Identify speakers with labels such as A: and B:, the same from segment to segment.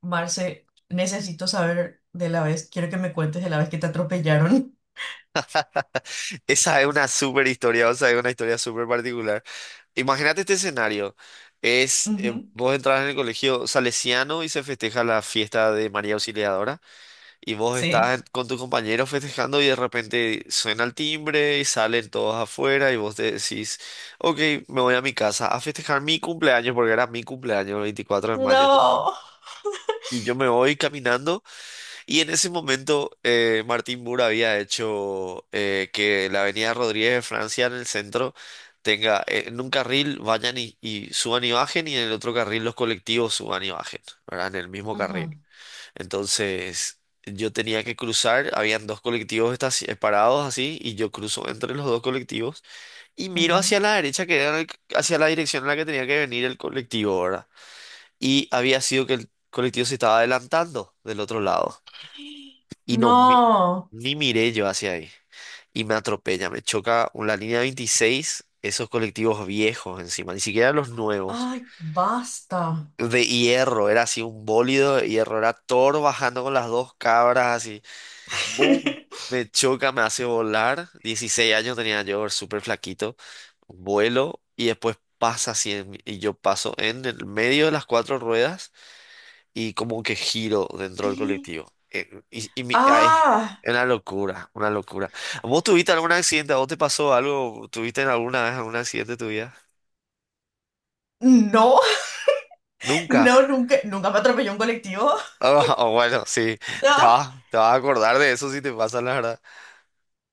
A: Marce, necesito saber de la vez, quiero que me cuentes de la vez que te atropellaron.
B: Esa es una súper historia, o sea, es una historia súper particular. Imagínate este escenario.
A: Ujú.
B: Vos entras en el colegio salesiano y se festeja la fiesta de María Auxiliadora y vos
A: Sí.
B: estás con tus compañeros festejando y de repente suena el timbre y salen todos afuera y vos te decís, ok, me voy a mi casa a festejar mi cumpleaños porque era mi cumpleaños el 24 de mayo.
A: No.
B: Y yo me voy caminando. Y en ese momento Martín Burr había hecho que la Avenida Rodríguez de Francia en el centro tenga, en un carril vayan y suban y bajen y en el otro carril los colectivos suban y bajen, ¿verdad? En el mismo
A: Ujú,
B: carril. Entonces yo tenía que cruzar, habían dos colectivos parados así y yo cruzo entre los dos colectivos y miro hacia
A: ujú.
B: la derecha que era hacia la dirección en la que tenía que venir el colectivo, ¿verdad? Y había sido que el colectivo se estaba adelantando del otro lado. Y no,
A: No.
B: ni miré yo hacia ahí. Y me atropella, me choca la línea 26 esos colectivos viejos encima, ni siquiera los nuevos.
A: Ay, basta.
B: De hierro, era así un bólido de hierro, era Thor bajando con las dos cabras así. ¡Bum! Me choca, me hace volar. 16 años tenía yo, súper flaquito. Vuelo y después pasa así en mí, y yo paso en el medio de las cuatro ruedas y como que giro dentro del
A: ¿Qué?
B: colectivo. Y ay,
A: Ah,
B: es una locura, una locura. ¿Vos tuviste algún accidente? ¿A vos te pasó algo? ¿Tuviste en alguna vez algún accidente en tu vida?
A: no,
B: Nunca.
A: no, nunca, nunca me atropelló un colectivo.
B: Ah, ah, bueno, sí,
A: No,
B: te vas a acordar de eso si te pasa, la verdad.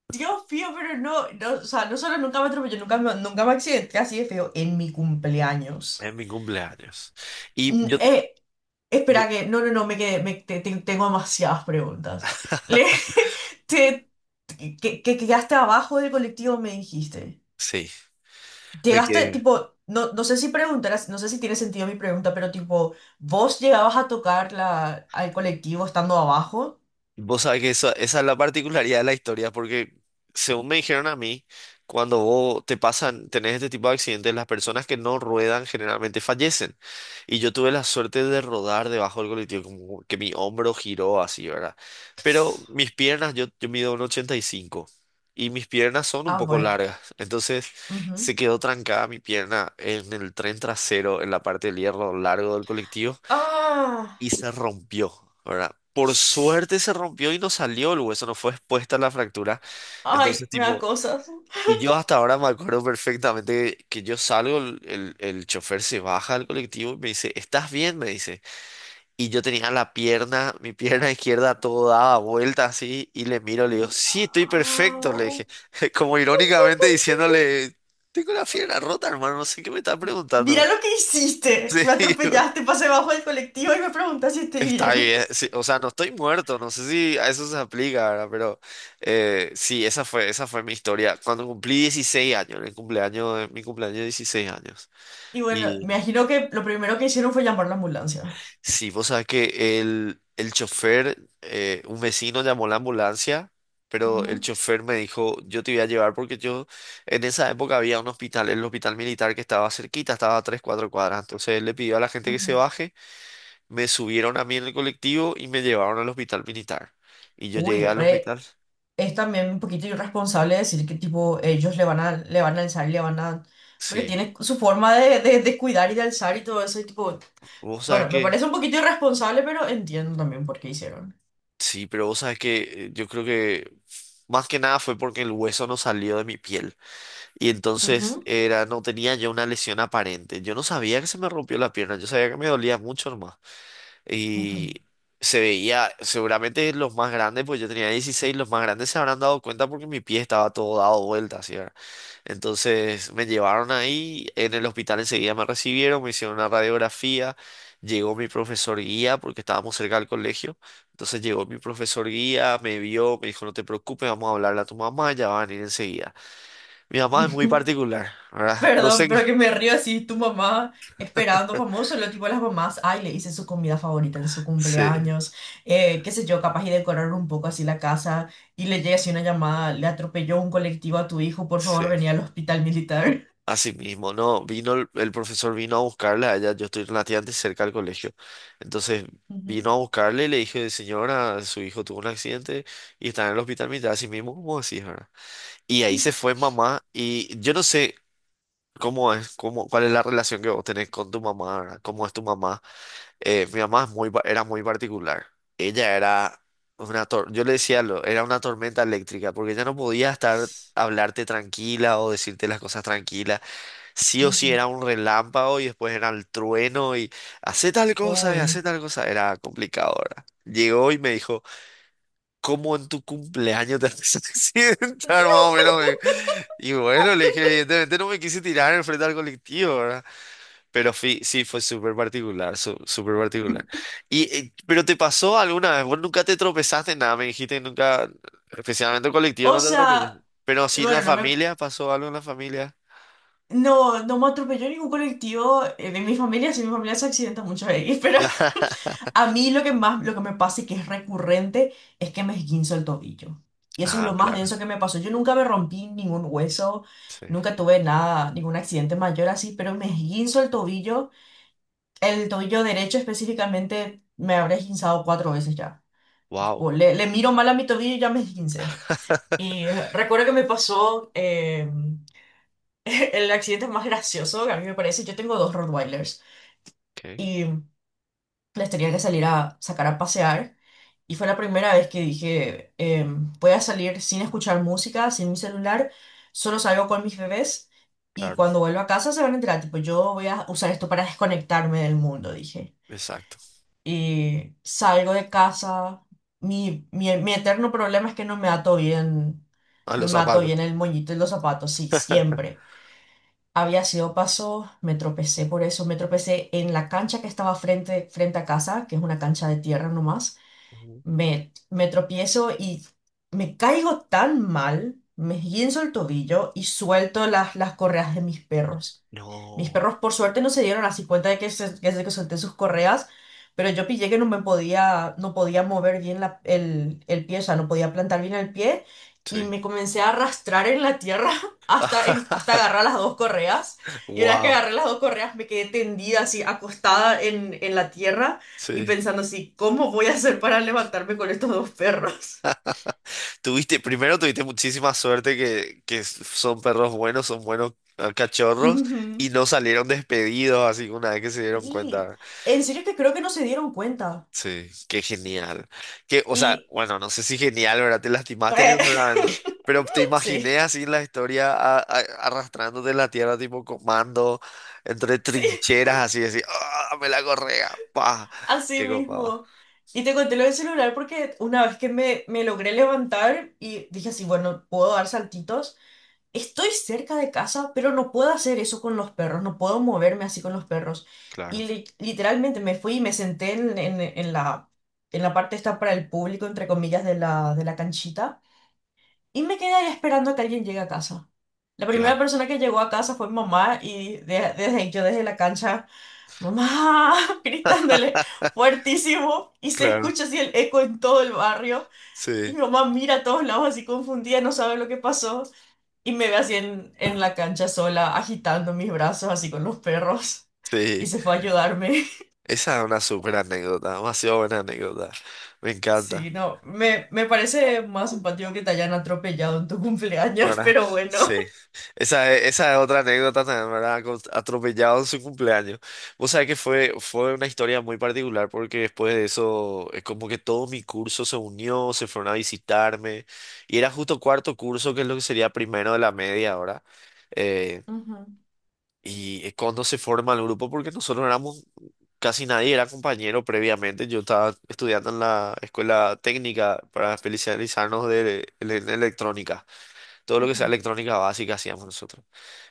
A: Dios mío, pero no, no, o sea, no solo nunca me atropelló, nunca me accidenté así de feo en mi cumpleaños.
B: En mi cumpleaños. Y
A: Mm.
B: yo, bu-
A: Espera que, no, no, no, me quedé, me- te- te- tengo demasiadas preguntas. Le- te- que quedaste abajo del colectivo, me dijiste.
B: sí, me
A: Llegaste,
B: quedé.
A: tipo, no, no sé si preguntarás, no sé si tiene sentido mi pregunta, pero tipo, ¿vos llegabas a tocar al colectivo estando abajo?
B: Vos sabés que eso, esa es la particularidad de la historia, porque según me dijeron a mí, cuando vos te pasan, tenés este tipo de accidentes, las personas que no ruedan generalmente fallecen. Y yo tuve la suerte de rodar debajo del colectivo, como que mi hombro giró así, ¿verdad? Pero mis piernas, yo mido un 85 y cinco y mis piernas son un
A: Ah,
B: poco
A: bueno,
B: largas. Entonces se
A: ujú.
B: quedó trancada mi pierna en el tren trasero, en la parte del hierro largo del colectivo
A: Ah.
B: y se rompió, ¿verdad? Por suerte se rompió y no salió el hueso, no fue expuesta la fractura. Entonces,
A: Ay, me da
B: tipo,
A: cosas.
B: y yo hasta ahora me acuerdo perfectamente que yo salgo, el chofer se baja del colectivo y me dice, ¿estás bien? Me dice. Y yo tenía la pierna, mi pierna izquierda todo daba vuelta así y le miro, le digo, sí, estoy perfecto, le dije,
A: Au.
B: como irónicamente diciéndole, tengo la pierna rota, hermano, no sé qué me está preguntando.
A: Mira
B: ¿Verdad?".
A: lo que hiciste. Me
B: Sí,
A: atropellaste, pasé bajo del colectivo y me preguntas si estoy
B: está
A: bien.
B: bien, sí, o sea, no estoy muerto, no sé si a eso se aplica, ¿verdad? Pero sí, esa fue mi historia. Cuando cumplí 16 años, en el cumpleaños, en mi cumpleaños de 16 años.
A: Y bueno, me imagino que lo primero que hicieron fue llamar la ambulancia.
B: Sí, vos sabés que el chofer, un vecino llamó la ambulancia, pero el
A: Ujú,
B: chofer me dijo, yo te voy a llevar porque yo, en esa época había un hospital, el hospital militar que estaba cerquita, estaba a tres, cuatro cuadras. Entonces él le pidió a la gente que se
A: ujú.
B: baje, me subieron a mí en el colectivo y me llevaron al hospital militar. Y yo
A: Uy,
B: llegué al
A: re,
B: hospital,
A: es también un poquito irresponsable decir que tipo ellos le van a alzar y le van a. Porque
B: sí.
A: tiene su forma de cuidar y de alzar y todo eso y tipo.
B: Vos sabés
A: Bueno, me
B: que,
A: parece un poquito irresponsable, pero entiendo también por qué hicieron.
B: sí, pero vos sabés que yo creo que más que nada fue porque el hueso no salió de mi piel. Y entonces
A: Ujú.
B: era, no tenía yo una lesión aparente. Yo no sabía que se me rompió la pierna, yo sabía que me dolía mucho nomás.
A: Ujú.
B: Y se veía, seguramente los más grandes, pues yo tenía 16 los más grandes se habrán dado cuenta porque mi pie estaba todo dado vuelta, así era. Entonces me llevaron ahí, en el hospital enseguida me recibieron, me hicieron una radiografía, llegó mi profesor guía porque estábamos cerca del colegio. Entonces llegó mi profesor guía, me vio, me dijo, no te preocupes, vamos a hablarle a tu mamá, ya va a venir enseguida. Mi mamá es muy particular, ¿verdad? No
A: Perdón,
B: sé.
A: pero que me río así, tu mamá esperando famoso, lo tipo las mamás, ay, le hice su comida favorita en su
B: Sí,
A: cumpleaños, qué sé yo, capaz y decorar un poco así la casa y le llega así una llamada, le atropelló un colectivo a tu hijo, por favor, venía
B: sí.
A: al hospital militar.
B: Así mismo, no, vino el profesor vino a buscarla a ella yo estoy relativamente cerca del colegio. Entonces
A: Ujú.
B: vino a buscarle y le dije, señora, su hijo tuvo un accidente y está en el hospital militar, así mismo como así, ¿verdad? Y ahí se fue mamá y yo no sé cómo es, cómo, cuál es la relación que vos tenés con tu mamá, ¿verdad? ¿Cómo es tu mamá? Mi mamá es muy, era muy particular. Ella era yo le decía, era una tormenta eléctrica, porque ella no podía estar, hablarte tranquila o decirte las cosas tranquilas. Sí o sí
A: Ujú.
B: era un relámpago y después era el trueno y hace tal cosa y hace
A: Uy.
B: tal cosa. Era complicado, ¿verdad? Llegó y me dijo, ¿cómo en tu cumpleaños te haces accidentar? Más o menos. Y bueno, le dije, evidentemente no me quise tirar enfrente al colectivo, ¿verdad? Pero sí, fue súper particular, súper particular. Y, ¿pero te pasó alguna vez? ¿Vos nunca te tropezaste en nada? Me dijiste que nunca, especialmente el colectivo,
A: O
B: no te tropezaste.
A: sea,
B: Pero sí en la
A: bueno,
B: familia, ¿pasó algo en la familia?
A: no me atropelló ningún colectivo de mi familia, si mi familia se accidenta muchas veces, pero a mí lo que más, lo que me pasa y que es recurrente es que me esguinzo el tobillo. Y eso es
B: Ah,
A: lo más
B: claro,
A: denso que me pasó. Yo nunca me rompí ningún hueso,
B: sí.
A: nunca tuve nada, ningún accidente mayor así, pero me esguinzo el tobillo derecho específicamente, me habré esguinzado cuatro veces ya.
B: Wow,
A: Tipo, le miro mal a mi tobillo y ya me esguincé. Y recuerdo que me pasó el accidente más gracioso que a mí me parece. Yo tengo dos Rottweilers
B: ok,
A: y les tenía que salir a sacar a pasear. Y fue la primera vez que dije, voy a salir sin escuchar música, sin mi celular, solo salgo con mis bebés y
B: claro,
A: cuando vuelvo a casa se van a enterar, tipo, yo voy a usar esto para desconectarme del mundo, dije.
B: exacto.
A: Y salgo de casa. Mi eterno problema es que no me ato bien,
B: A
A: no
B: los
A: me ato
B: zapatos.
A: bien el moñito y los zapatos, sí, siempre. Había sido paso, me tropecé por eso, me tropecé en la cancha que estaba frente, frente a casa, que es una cancha de tierra nomás.
B: Ujú.
A: Me tropiezo y me caigo tan mal, me esguinzo el tobillo y suelto las correas de mis perros. Mis
B: No,
A: perros por suerte no se dieron así cuenta de que, que solté sus correas, pero yo pillé que no podía mover bien el pie, o sea, no podía plantar bien el pie y
B: sí.
A: me comencé a arrastrar en la tierra hasta, hasta agarrar las dos correas. Y una vez que
B: Wow,
A: agarré las dos correas me quedé tendida así, acostada en la tierra y
B: sí.
A: pensando así, ¿cómo voy a hacer para levantarme con estos dos perros?
B: Tuviste, primero tuviste muchísima suerte que son perros buenos, son buenos ah, cachorros
A: Ujú.
B: y no salieron despedidos así una vez que se dieron
A: Sí,
B: cuenta.
A: en serio que creo que no se dieron cuenta.
B: Sí, qué genial. Que, o sea,
A: Y.
B: bueno, no sé si genial, ¿verdad? Te lastimaste ni seguramente, pero te
A: Sí,
B: imaginé así en la historia arrastrándote en la tierra tipo comando, entre
A: sí.
B: trincheras así, así, ¡ah, me la correa! ¡Pah!
A: Así
B: ¡Qué copado!
A: mismo. Y te conté lo del celular porque una vez que me logré levantar y dije así, bueno, puedo dar saltitos. Estoy cerca de casa, pero no puedo hacer eso con los perros, no puedo moverme así con los perros.
B: Claro,
A: Y literalmente me fui y me senté en la parte esta para el público, entre comillas, de de la canchita. Y me quedé ahí esperando a que alguien llegue a casa. La primera
B: claro.
A: persona que llegó a casa fue mamá y desde, yo desde la cancha, mamá, gritándole fuertísimo y se
B: Claro,
A: escucha así el eco en todo el barrio. Y
B: sí,
A: mi mamá mira a todos lados así confundida, no sabe lo que pasó. Y me ve así en la cancha sola, agitando mis brazos así con los perros.
B: sí.
A: Y se fue a ayudarme.
B: Esa es una súper anécdota, demasiado buena anécdota. Me
A: Sí,
B: encanta,
A: no, me parece más simpático que te hayan atropellado en tu cumpleaños,
B: ¿verdad?
A: pero bueno.
B: Sí. Esa es otra anécdota también, ¿verdad? Con- atropellado en su cumpleaños. Vos sabés que fue, fue una historia muy particular porque después de eso es como que todo mi curso se unió, se fueron a visitarme y era justo cuarto curso, que es lo que sería primero de la media ahora.
A: Ujú,
B: Y es cuando se forma el grupo, porque nosotros éramos, casi nadie era compañero previamente. Yo estaba estudiando en la escuela técnica para especializarnos de, en electrónica. Todo lo que sea
A: ujú.
B: electrónica básica hacíamos nosotros.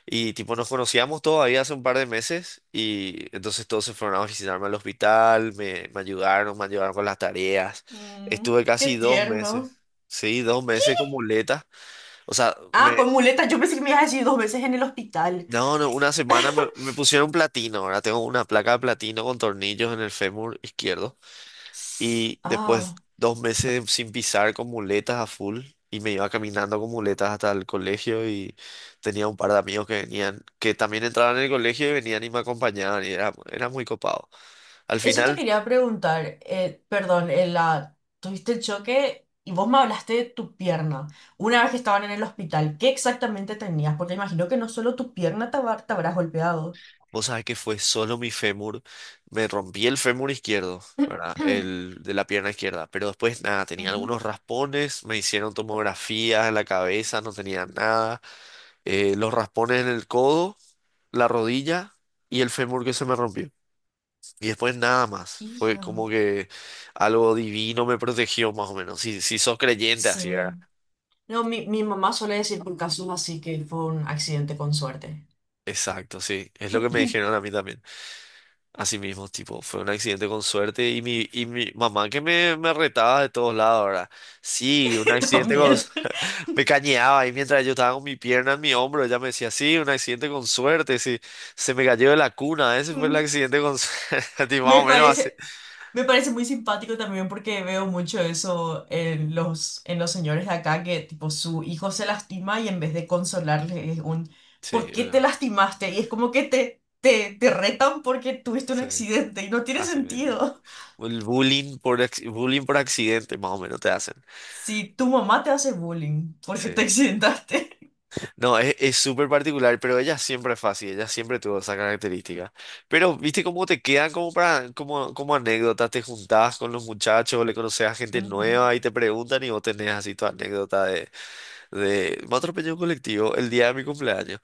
B: Y tipo, nos conocíamos todavía hace un par de meses y entonces todos se fueron a visitarme al hospital, me ayudaron, me ayudaron con las tareas.
A: Mm,
B: Estuve
A: qué
B: casi dos
A: tierno.
B: meses, sí, 2 meses con muletas. O sea, me
A: Ah, con muletas. Yo pensé que me ibas a decir dos veces en el hospital.
B: no, no, una semana me, me pusieron platino. Ahora tengo una placa de platino con tornillos en el fémur izquierdo. Y después
A: Ah,
B: 2 meses sin pisar con muletas a full. Y me iba caminando con muletas hasta el colegio. Y tenía un par de amigos que venían, que también entraban en el colegio y venían y me acompañaban. Y era, era muy copado. Al
A: eso te
B: final
A: quería preguntar. Perdón, tuviste el choque y vos me hablaste de tu pierna. Una vez que estaban en el hospital, ¿qué exactamente tenías? Porque imagino que no solo tu pierna te, te habrás golpeado.
B: vos sabés que fue solo mi fémur. Me rompí el fémur izquierdo, ¿verdad? El de la pierna izquierda. Pero después, nada, tenía
A: Ujú.
B: algunos raspones. Me hicieron tomografías en la cabeza, no tenía nada. Eh, los raspones en el codo, la rodilla y el fémur que se me rompió. Y después nada más. Fue
A: Hija.
B: como que algo divino me protegió, más o menos. Si, si sos creyente, así, ¿verdad?
A: Sí. No, mi mamá suele decir por casos así que fue un accidente con suerte.
B: Exacto, sí. Es lo que me dijeron a mí también. Así mismo, tipo, fue un accidente con suerte y mi mamá que me retaba de todos lados, ¿verdad? Sí, un accidente con...
A: También.
B: Me cañeaba y mientras yo estaba con mi pierna en mi hombro, ella me decía, sí, un accidente con suerte, sí, se me cayó de la cuna, ese fue el
A: Mm,
B: accidente con suerte, y más
A: me
B: o menos así.
A: parece. Me parece muy simpático también porque veo mucho eso en los señores de acá, que tipo su hijo se lastima y en vez de consolarle es un
B: Sí,
A: ¿por qué te lastimaste? Y es como que te retan porque tuviste un
B: sí,
A: accidente y no tiene
B: así mismo.
A: sentido.
B: El bullying por, bullying por accidente, más o menos te hacen.
A: Si tu mamá te hace bullying porque
B: Sí.
A: te accidentaste.
B: No, es súper particular, pero ella siempre fue así, ella siempre tuvo esa característica. Pero, ¿viste cómo te quedan como para, como anécdota? Te juntás con los muchachos, le conoces a gente
A: Ujú.
B: nueva y te preguntan y vos tenés así tu anécdota de me atropelló un colectivo el día de mi cumpleaños.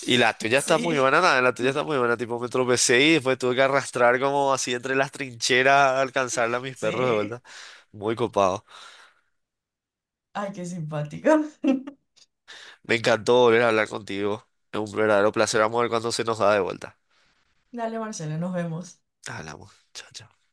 B: Y la tuya está muy buena, nada, la tuya está muy buena, tipo me tropecé y después tuve que arrastrar como así entre las trincheras a alcanzarla a mis perros de
A: sí.
B: vuelta. Muy copado.
A: Ay, qué simpático.
B: Me encantó volver a hablar contigo. Es un verdadero placer, vamos a ver cuando se nos da de vuelta.
A: Dale, Marcela, nos vemos.
B: Hablamos. Chao, chao.